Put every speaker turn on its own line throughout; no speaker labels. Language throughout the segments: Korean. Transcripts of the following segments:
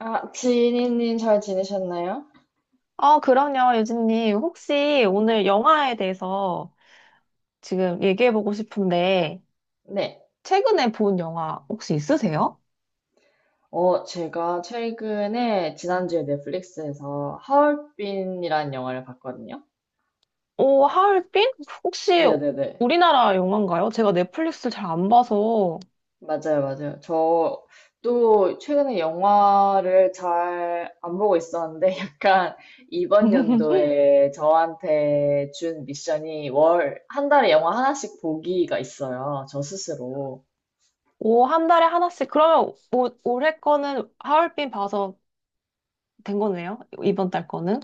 아, 지니님 잘 지내셨나요?
아, 그럼요, 유진님. 혹시 오늘 영화에 대해서 지금 얘기해보고 싶은데,
네.
최근에 본 영화 혹시 있으세요?
제가 최근에 지난주에 넷플릭스에서 하얼빈이라는 영화를 봤거든요.
오, 하얼빈? 혹시
네네네.
우리나라 영화인가요? 제가 넷플릭스 잘 안 봐서.
맞아요, 맞아요. 저 또 최근에 영화를 잘 안 보고 있었는데 약간 이번 연도에 저한테 준 미션이 월, 한 달에 영화 하나씩 보기가 있어요. 저 스스로.
오, 한 달에 하나씩. 그러면 오, 올해 거는 하얼빈 봐서 된 거네요? 이번 달 거는?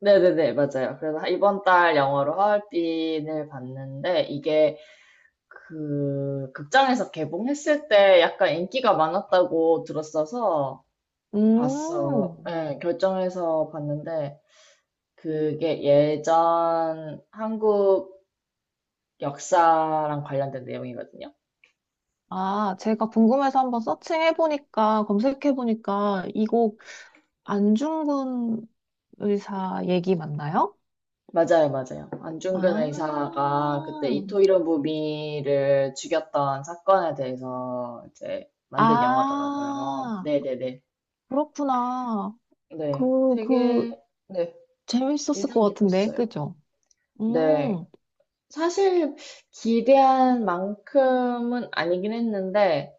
네네네, 맞아요. 그래서 이번 달 영화로 하얼빈을 봤는데 이게 그 극장에서 개봉했을 때 약간 인기가 많았다고 들었어서 봤어.
음.
예, 결정해서 봤는데 그게 예전 한국 역사랑 관련된 내용이거든요.
아, 제가 궁금해서 한번 서칭해보니까, 검색해보니까, 이거 안중근 의사 얘기 맞나요?
맞아요, 맞아요.
아,
안중근 의사가 그때 이토 히로부미를 죽였던 사건에 대해서 이제 만든 영화더라고요.
아,
네네네. 네. 네.
그렇구나.
네,
그, 그,
되게, 네.
재밌었을 것
인상
같은데,
깊었어요.
그죠?
네.
음,
사실 기대한 만큼은 아니긴 했는데,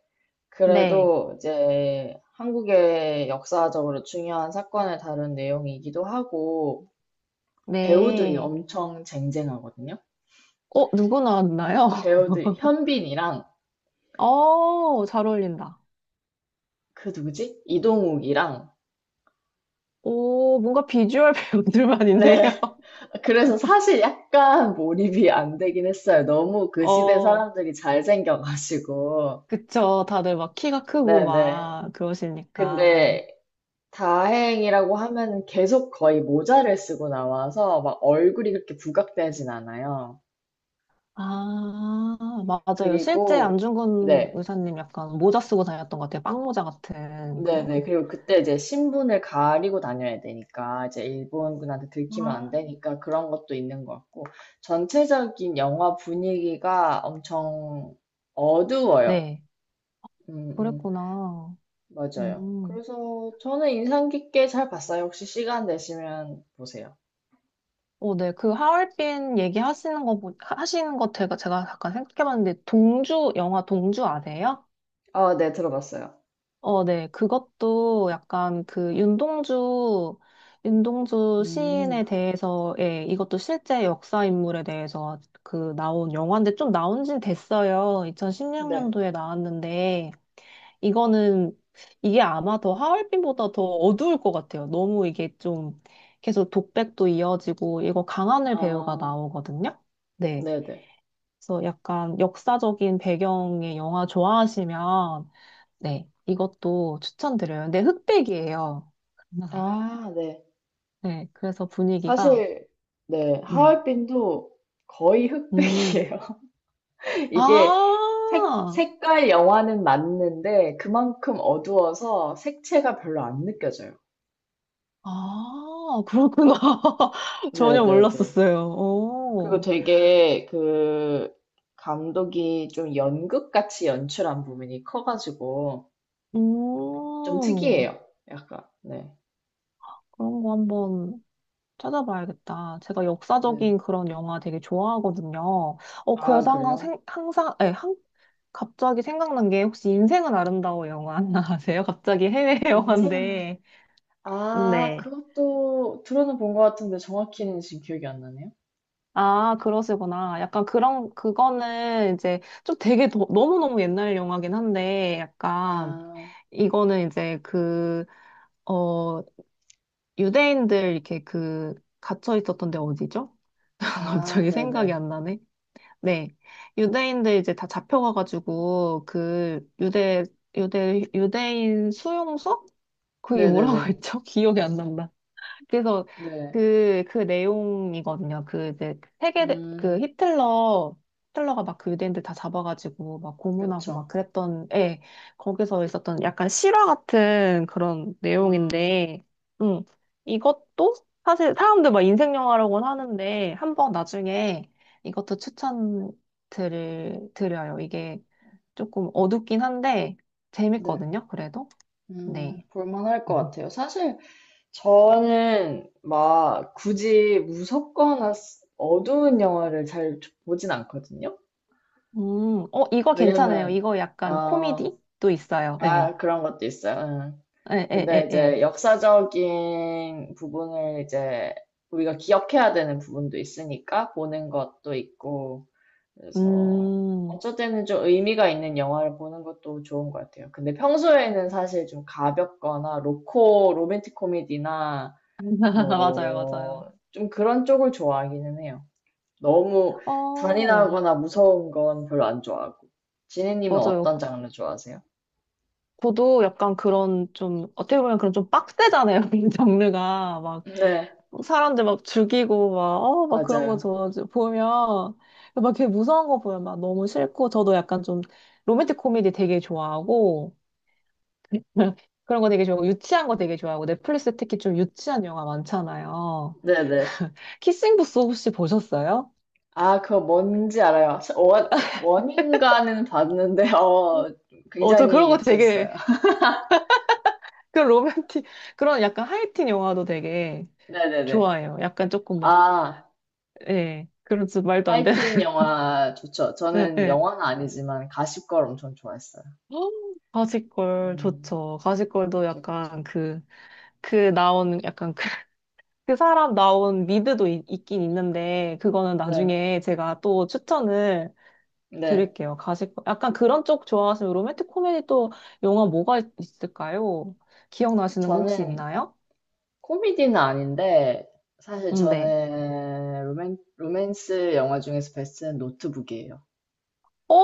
네,
그래도 이제 한국의 역사적으로 중요한 사건을 다룬 내용이기도 하고, 배우들이
네.
엄청 쟁쟁하거든요.
어, 누구 나왔나요?
배우들, 현빈이랑,
어, 잘 어울린다.
그 누구지? 이동욱이랑,
오, 뭔가 비주얼
네.
배우들만인데요.
그래서 사실 약간 몰입이 안 되긴 했어요. 너무 그 시대
어,
사람들이 잘생겨가지고.
그쵸. 다들 막 키가 크고
네네.
막 그러시니까.
근데 다행이라고 하면 계속 거의 모자를 쓰고 나와서 막 얼굴이 그렇게 부각되진 않아요.
아, 맞아요. 실제
그리고,
안중근
네.
의사님 약간 모자 쓰고 다녔던 것 같아요. 빵모자 같은
네네.
그런.
그리고 그때 이제 신분을 가리고 다녀야 되니까, 이제 일본군한테 들키면 안
아,
되니까 그런 것도 있는 것 같고, 전체적인 영화 분위기가 엄청 어두워요.
네,
음, 음,
그랬구나.
맞아요.
음.
그래서 저는 인상 깊게 잘 봤어요. 혹시 시간 되시면 보세요.
어, 네. 그 하얼빈 얘기하시는 거, 하시는 거 제가 잠깐 생각해봤는데, 동주, 영화 동주 아세요?
아, 네, 들어봤어요.
어, 네. 그것도 약간 그 윤동주, 윤동주
음,
시인에 대해서, 예, 이것도 실제 역사 인물에 대해서 그 나온 영화인데 좀 나온 지 됐어요.
네.
2016년도에 나왔는데, 이거는, 이게 아마 더 하얼빈보다 더 어두울 것 같아요. 너무 이게 좀 계속 독백도 이어지고, 이거 강하늘 배우가
아,
나오거든요. 네.
네네.
그래서 약간 역사적인 배경의 영화 좋아하시면, 네, 이것도 추천드려요. 근데 흑백이에요.
아, 네.
네, 그래서 분위기가,
사실, 네.
음,
하얼빈도 거의
음,
흑백이에요. 이게
아,
색깔 영화는 맞는데 그만큼 어두워서 색채가 별로 안 느껴져요.
아, 그렇구나. 전혀
네네네.
몰랐었어요.
그리고
오,
되게 그 감독이 좀 연극같이 연출한 부분이 커가지고 좀
음,
특이해요. 약간, 네.
그런 거 한번 찾아봐야겠다. 제가
네.
역사적인 그런 영화 되게 좋아하거든요. 어,
아,
그래서 항상,
그래요?
생- 항상, 에, 항, 갑자기 생각난 게 혹시 인생은 아름다워 영화 안 아세요? 갑자기 해외
인생은
영화인데.
아,
네.
그것도 들어는 본 것 같은데 정확히는 지금 기억이 안 나네요.
아, 그러시구나. 약간 그런, 그거는 이제 좀 되게 너무너무 옛날 영화긴 한데, 약간
아,
이거는 이제 그, 어, 유대인들 이렇게 그, 갇혀 있었던 데 어디죠?
아,
갑자기 생각이
네네.
안 나네. 네. 유대인들 이제 다 잡혀가가지고, 그, 유대, 유대인 수용소? 그게 뭐라고
네네네.
했죠? 기억이 안 난다. 그래서
네.
그 내용이거든요. 그 이제 세계, 그
음,
히틀러가 막 그 유대인들 다 잡아가지고 막 고문하고 막
그렇죠.
그랬던, 예, 거기서 있었던 약간 실화 같은 그런
음,
내용인데, 음, 이것도 사실 사람들 막 인생 영화라고는 하는데, 한번 나중에 이것도 드려요. 이게 조금 어둡긴 한데,
네.
재밌거든요. 그래도. 네.
볼만할 것 같아요. 사실 저는 막 굳이 무섭거나 스- 어두운 영화를 잘 보진 않거든요.
어, 이거 괜찮아요.
왜냐면,
이거 약간
아,
코미디도 있어요. 예.
아, 그런 것도 있어요. 응.
예, 예,
근데
예, 예.
이제 역사적인 부분을 이제 우리가 기억해야 되는 부분도 있으니까 보는 것도 있고, 그래서
음,
어쨌든 좀 의미가 있는 영화를 보는 것도 좋은 것 같아요. 근데 평소에는 사실 좀 가볍거나 로맨틱 코미디나
맞아요.
뭐, 좀 그런 쪽을 좋아하기는 해요. 너무
어,
잔인하거나 무서운 건 별로 안 좋아하고. 지니님은
맞아요.
어떤 장르 좋아하세요?
저도 약간 그런 좀, 어떻게 보면 그런 좀 빡세잖아요. 이 장르가. 막,
네,
사람들 막 죽이고, 막, 어, 막 그런 거
맞아요.
저 보면, 막 되게 무서운 거 보면 막 너무 싫고, 저도 약간 좀 로맨틱 코미디 되게 좋아하고, 그런 거 되게 좋아하고, 유치한 거 되게 좋아하고, 넷플릭스 특히 좀 유치한 영화 많잖아요.
네네.
키싱 부스 혹시 보셨어요?
아, 그거 뭔지 알아요. 원인가는 봤는데, 어,
어, 저 그런
굉장히
거 되게,
유치했어요.
그런 로맨틱, 그런 약간 하이틴 영화도 되게
네네네.
좋아해요. 약간 조금 막,
아,
예, 그런 좀 말도 안 되는,
하이틴 영화 좋죠.
예,
저는
예.
영화는 아니지만 가십걸 엄청 좋아했어요.
헉, 가시걸
음,
좋죠. 가시걸도
그쵸, 그쵸.
약간 그, 그 나온, 약간 그, 그 사람 나온 미드도 있긴 있는데, 그거는
네,
나중에 제가 또 추천을
네.
드릴게요. 가시걸. 약간 그런 쪽 좋아하시면 로맨틱 코미디 또 영화 뭐가 있을까요? 기억나시는 거 혹시
저는
있나요?
코미디는 아닌데, 사실
네.
저는 로맨스 영화 중에서 베스트는 노트북이에요.
오,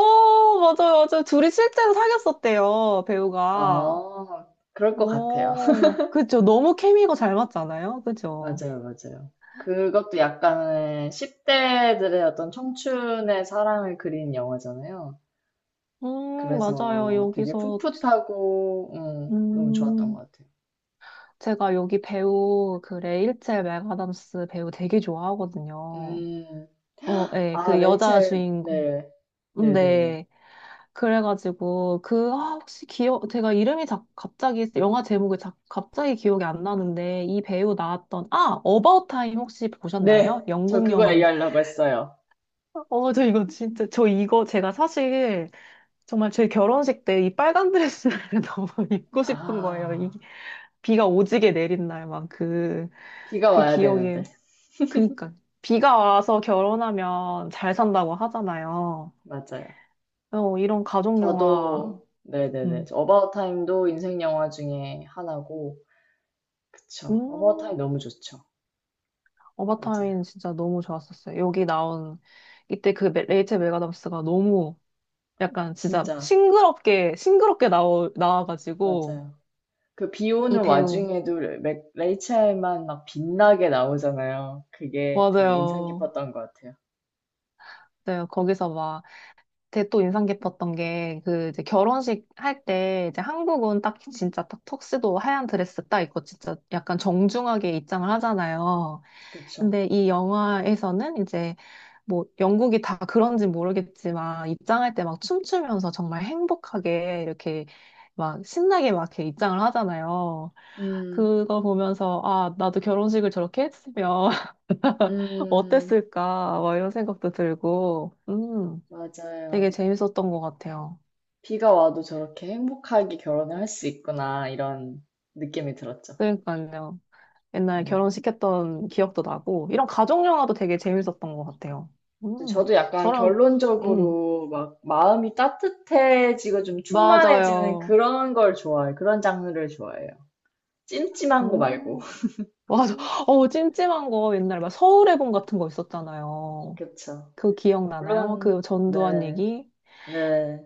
맞아요. 둘이 실제로 사귀었었대요, 배우가.
어, 그럴 것 같아요.
오, 그죠. 너무 케미가 잘 맞잖아요. 그죠.
맞아요, 맞아요. 그것도 약간은 10대들의 어떤 청춘의 사랑을 그린 영화잖아요.
맞아요.
그래서 되게
여기서,
풋풋하고, 너무 좋았던
음,
것 같아요.
제가 여기 배우, 그 레이첼 맥아담스 배우 되게 좋아하거든요.
음,
어, 예,
아,
그 여자
레이첼,
주인공.
네. 네네네.
네. 그래가지고 그 아, 혹시 기억 제가 이름이 자, 갑자기 영화 제목이 자, 갑자기 기억이 안 나는데 이 배우 나왔던 아 어바웃 타임 혹시
네,
보셨나요?
저
영국
그거
영화인데
얘기하려고 했어요.
어 저 이거 진짜 저 이거 제가 사실 정말 제 결혼식 때 이 빨간 드레스를 너무 입고 싶은 거예요. 이
아,
비가 오지게 내린 날막그 그
비가
그
와야
기억이
되는데.
그니까 비가 와서 결혼하면 잘 산다고 하잖아요.
맞아요.
어, 이런 가족 영화
저도, 네네네.
음.
어바웃 타임도 인생 영화 중에 하나고, 그쵸. 어바웃 타임
음.
너무 좋죠. 맞아요.
어바타민 진짜 너무 좋았었어요. 여기 나온 이때 레이첼 맥아담스가 너무 약간 진짜
진짜,
싱그럽게 싱그럽게 나와가지고
맞아요. 그 비
이
오는
배우.
와중에도 레- 레이첼만 막 빛나게 나오잖아요. 그게 되게 인상
맞아요.
깊었던 것 같아요.
네, 거기서 막, 되게 또 인상 깊었던 게, 그, 이제 결혼식 할 때, 이제 한국은 딱, 진짜 딱 턱스도 하얀 드레스 딱 입고, 진짜 약간 정중하게 입장을 하잖아요.
그쵸?
근데 이 영화에서는 이제 뭐 영국이 다 그런지 모르겠지만 입장할 때 막 춤추면서 정말 행복하게 이렇게 막 신나게 막 이렇게 입장을 하잖아요.
음,
그거 보면서 아, 나도 결혼식을 저렇게 했으면
음,
어땠을까? 막 이런 생각도 들고, 되게
맞아요.
재밌었던 것 같아요.
비가 와도 저렇게 행복하게 결혼을 할 수 있구나, 이런 느낌이 들었죠.
그러니까요. 옛날
음.
결혼시켰던 기억도 나고, 이런 가족 영화도 되게 재밌었던 것 같아요.
근데
음,
저도 약간
저랑, 음,
결론적으로 막 마음이 따뜻해지고 좀 충만해지는
맞아요.
그런 걸 좋아해요. 그런 장르를 좋아해요. 찜찜한 거 말고.
어, 맞아. 어, 찜찜한 거 옛날 막 서울의 봄 같은 거 있었잖아요.
그쵸.
그거 기억나나요?
물론,
그 전두환
네,
얘기?
네.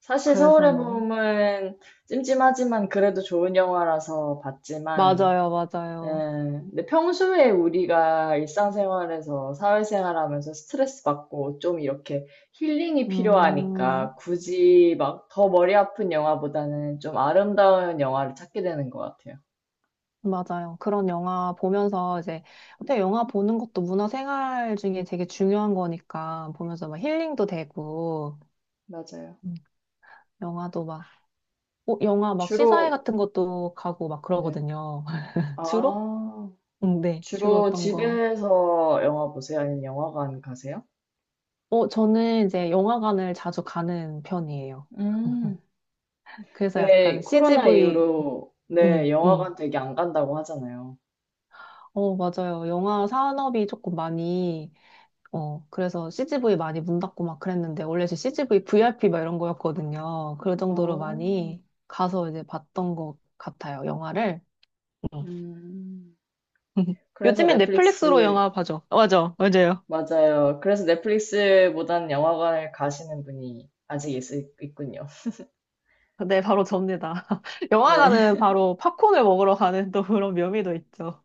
사실
그래서
서울의
막,
봄은 찜찜하지만 그래도 좋은 영화라서 봤지만,
맞아요.
근데 평소에 우리가 일상생활에서 사회생활하면서 스트레스 받고 좀 이렇게 힐링이
음,
필요하니까 굳이 막 더 머리 아픈 영화보다는 좀 아름다운 영화를 찾게 되는 것 같아요.
맞아요. 그런 영화 보면서 이제, 근데 영화 보는 것도 문화생활 중에 되게 중요한 거니까 보면서 막 힐링도 되고,
맞아요.
음, 영화도 막, 어, 영화 막 시사회
주로,
같은 것도 가고 막
네.
그러거든요. 주로?
아,
응, 네, 주로
주로
어떤 거.
집에서 영화 보세요? 아니면 영화관 가세요?
어, 저는 이제 영화관을 자주 가는 편이에요.
음.
그래서 약간
왜 코로나
CGV,
이후로
음,
네, 영화관
음.
되게 안 간다고 하잖아요.
어, 맞아요. 영화 산업이 조금 많이, 어, 그래서 CGV 많이 문 닫고 막 그랬는데, 원래 제 CGV VIP 막 이런 거였거든요. 그 정도로
어,
많이 가서 이제 봤던 것 같아요, 영화를. 음.
음. 그래서
요즘엔 넷플릭스로
넷플릭스,
영화 봐죠. 맞아요.
맞아요. 그래서 넷플릭스보단 영화관을 가시는 분이 아직 있, 있군요.
네, 바로 접니다.
네,
영화관은 바로 팝콘을 먹으러 가는 또 그런 묘미도 있죠.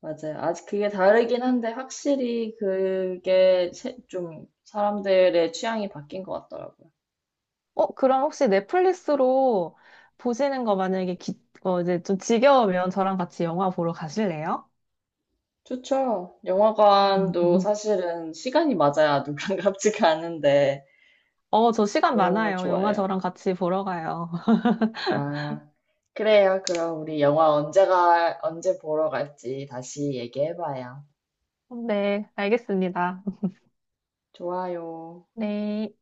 맞아요. 아직 그게 다르긴 한데, 확실히 그게 세- 좀 사람들의 취향이 바뀐 것 같더라고요.
어, 그럼 혹시 넷플릭스로 보시는 거 만약에 어, 이제 좀 지겨우면 저랑 같이 영화 보러 가실래요?
좋죠. 영화관도 사실은 시간이 맞아야 누가갑 같이 가는데,
어, 저 시간
너무
많아요. 영화
좋아요.
저랑 같이 보러 가요.
아, 그래요. 그럼 우리 영화 언제가, 언제 보러 갈지 다시 얘기해봐요.
네, 알겠습니다.
좋아요.
네.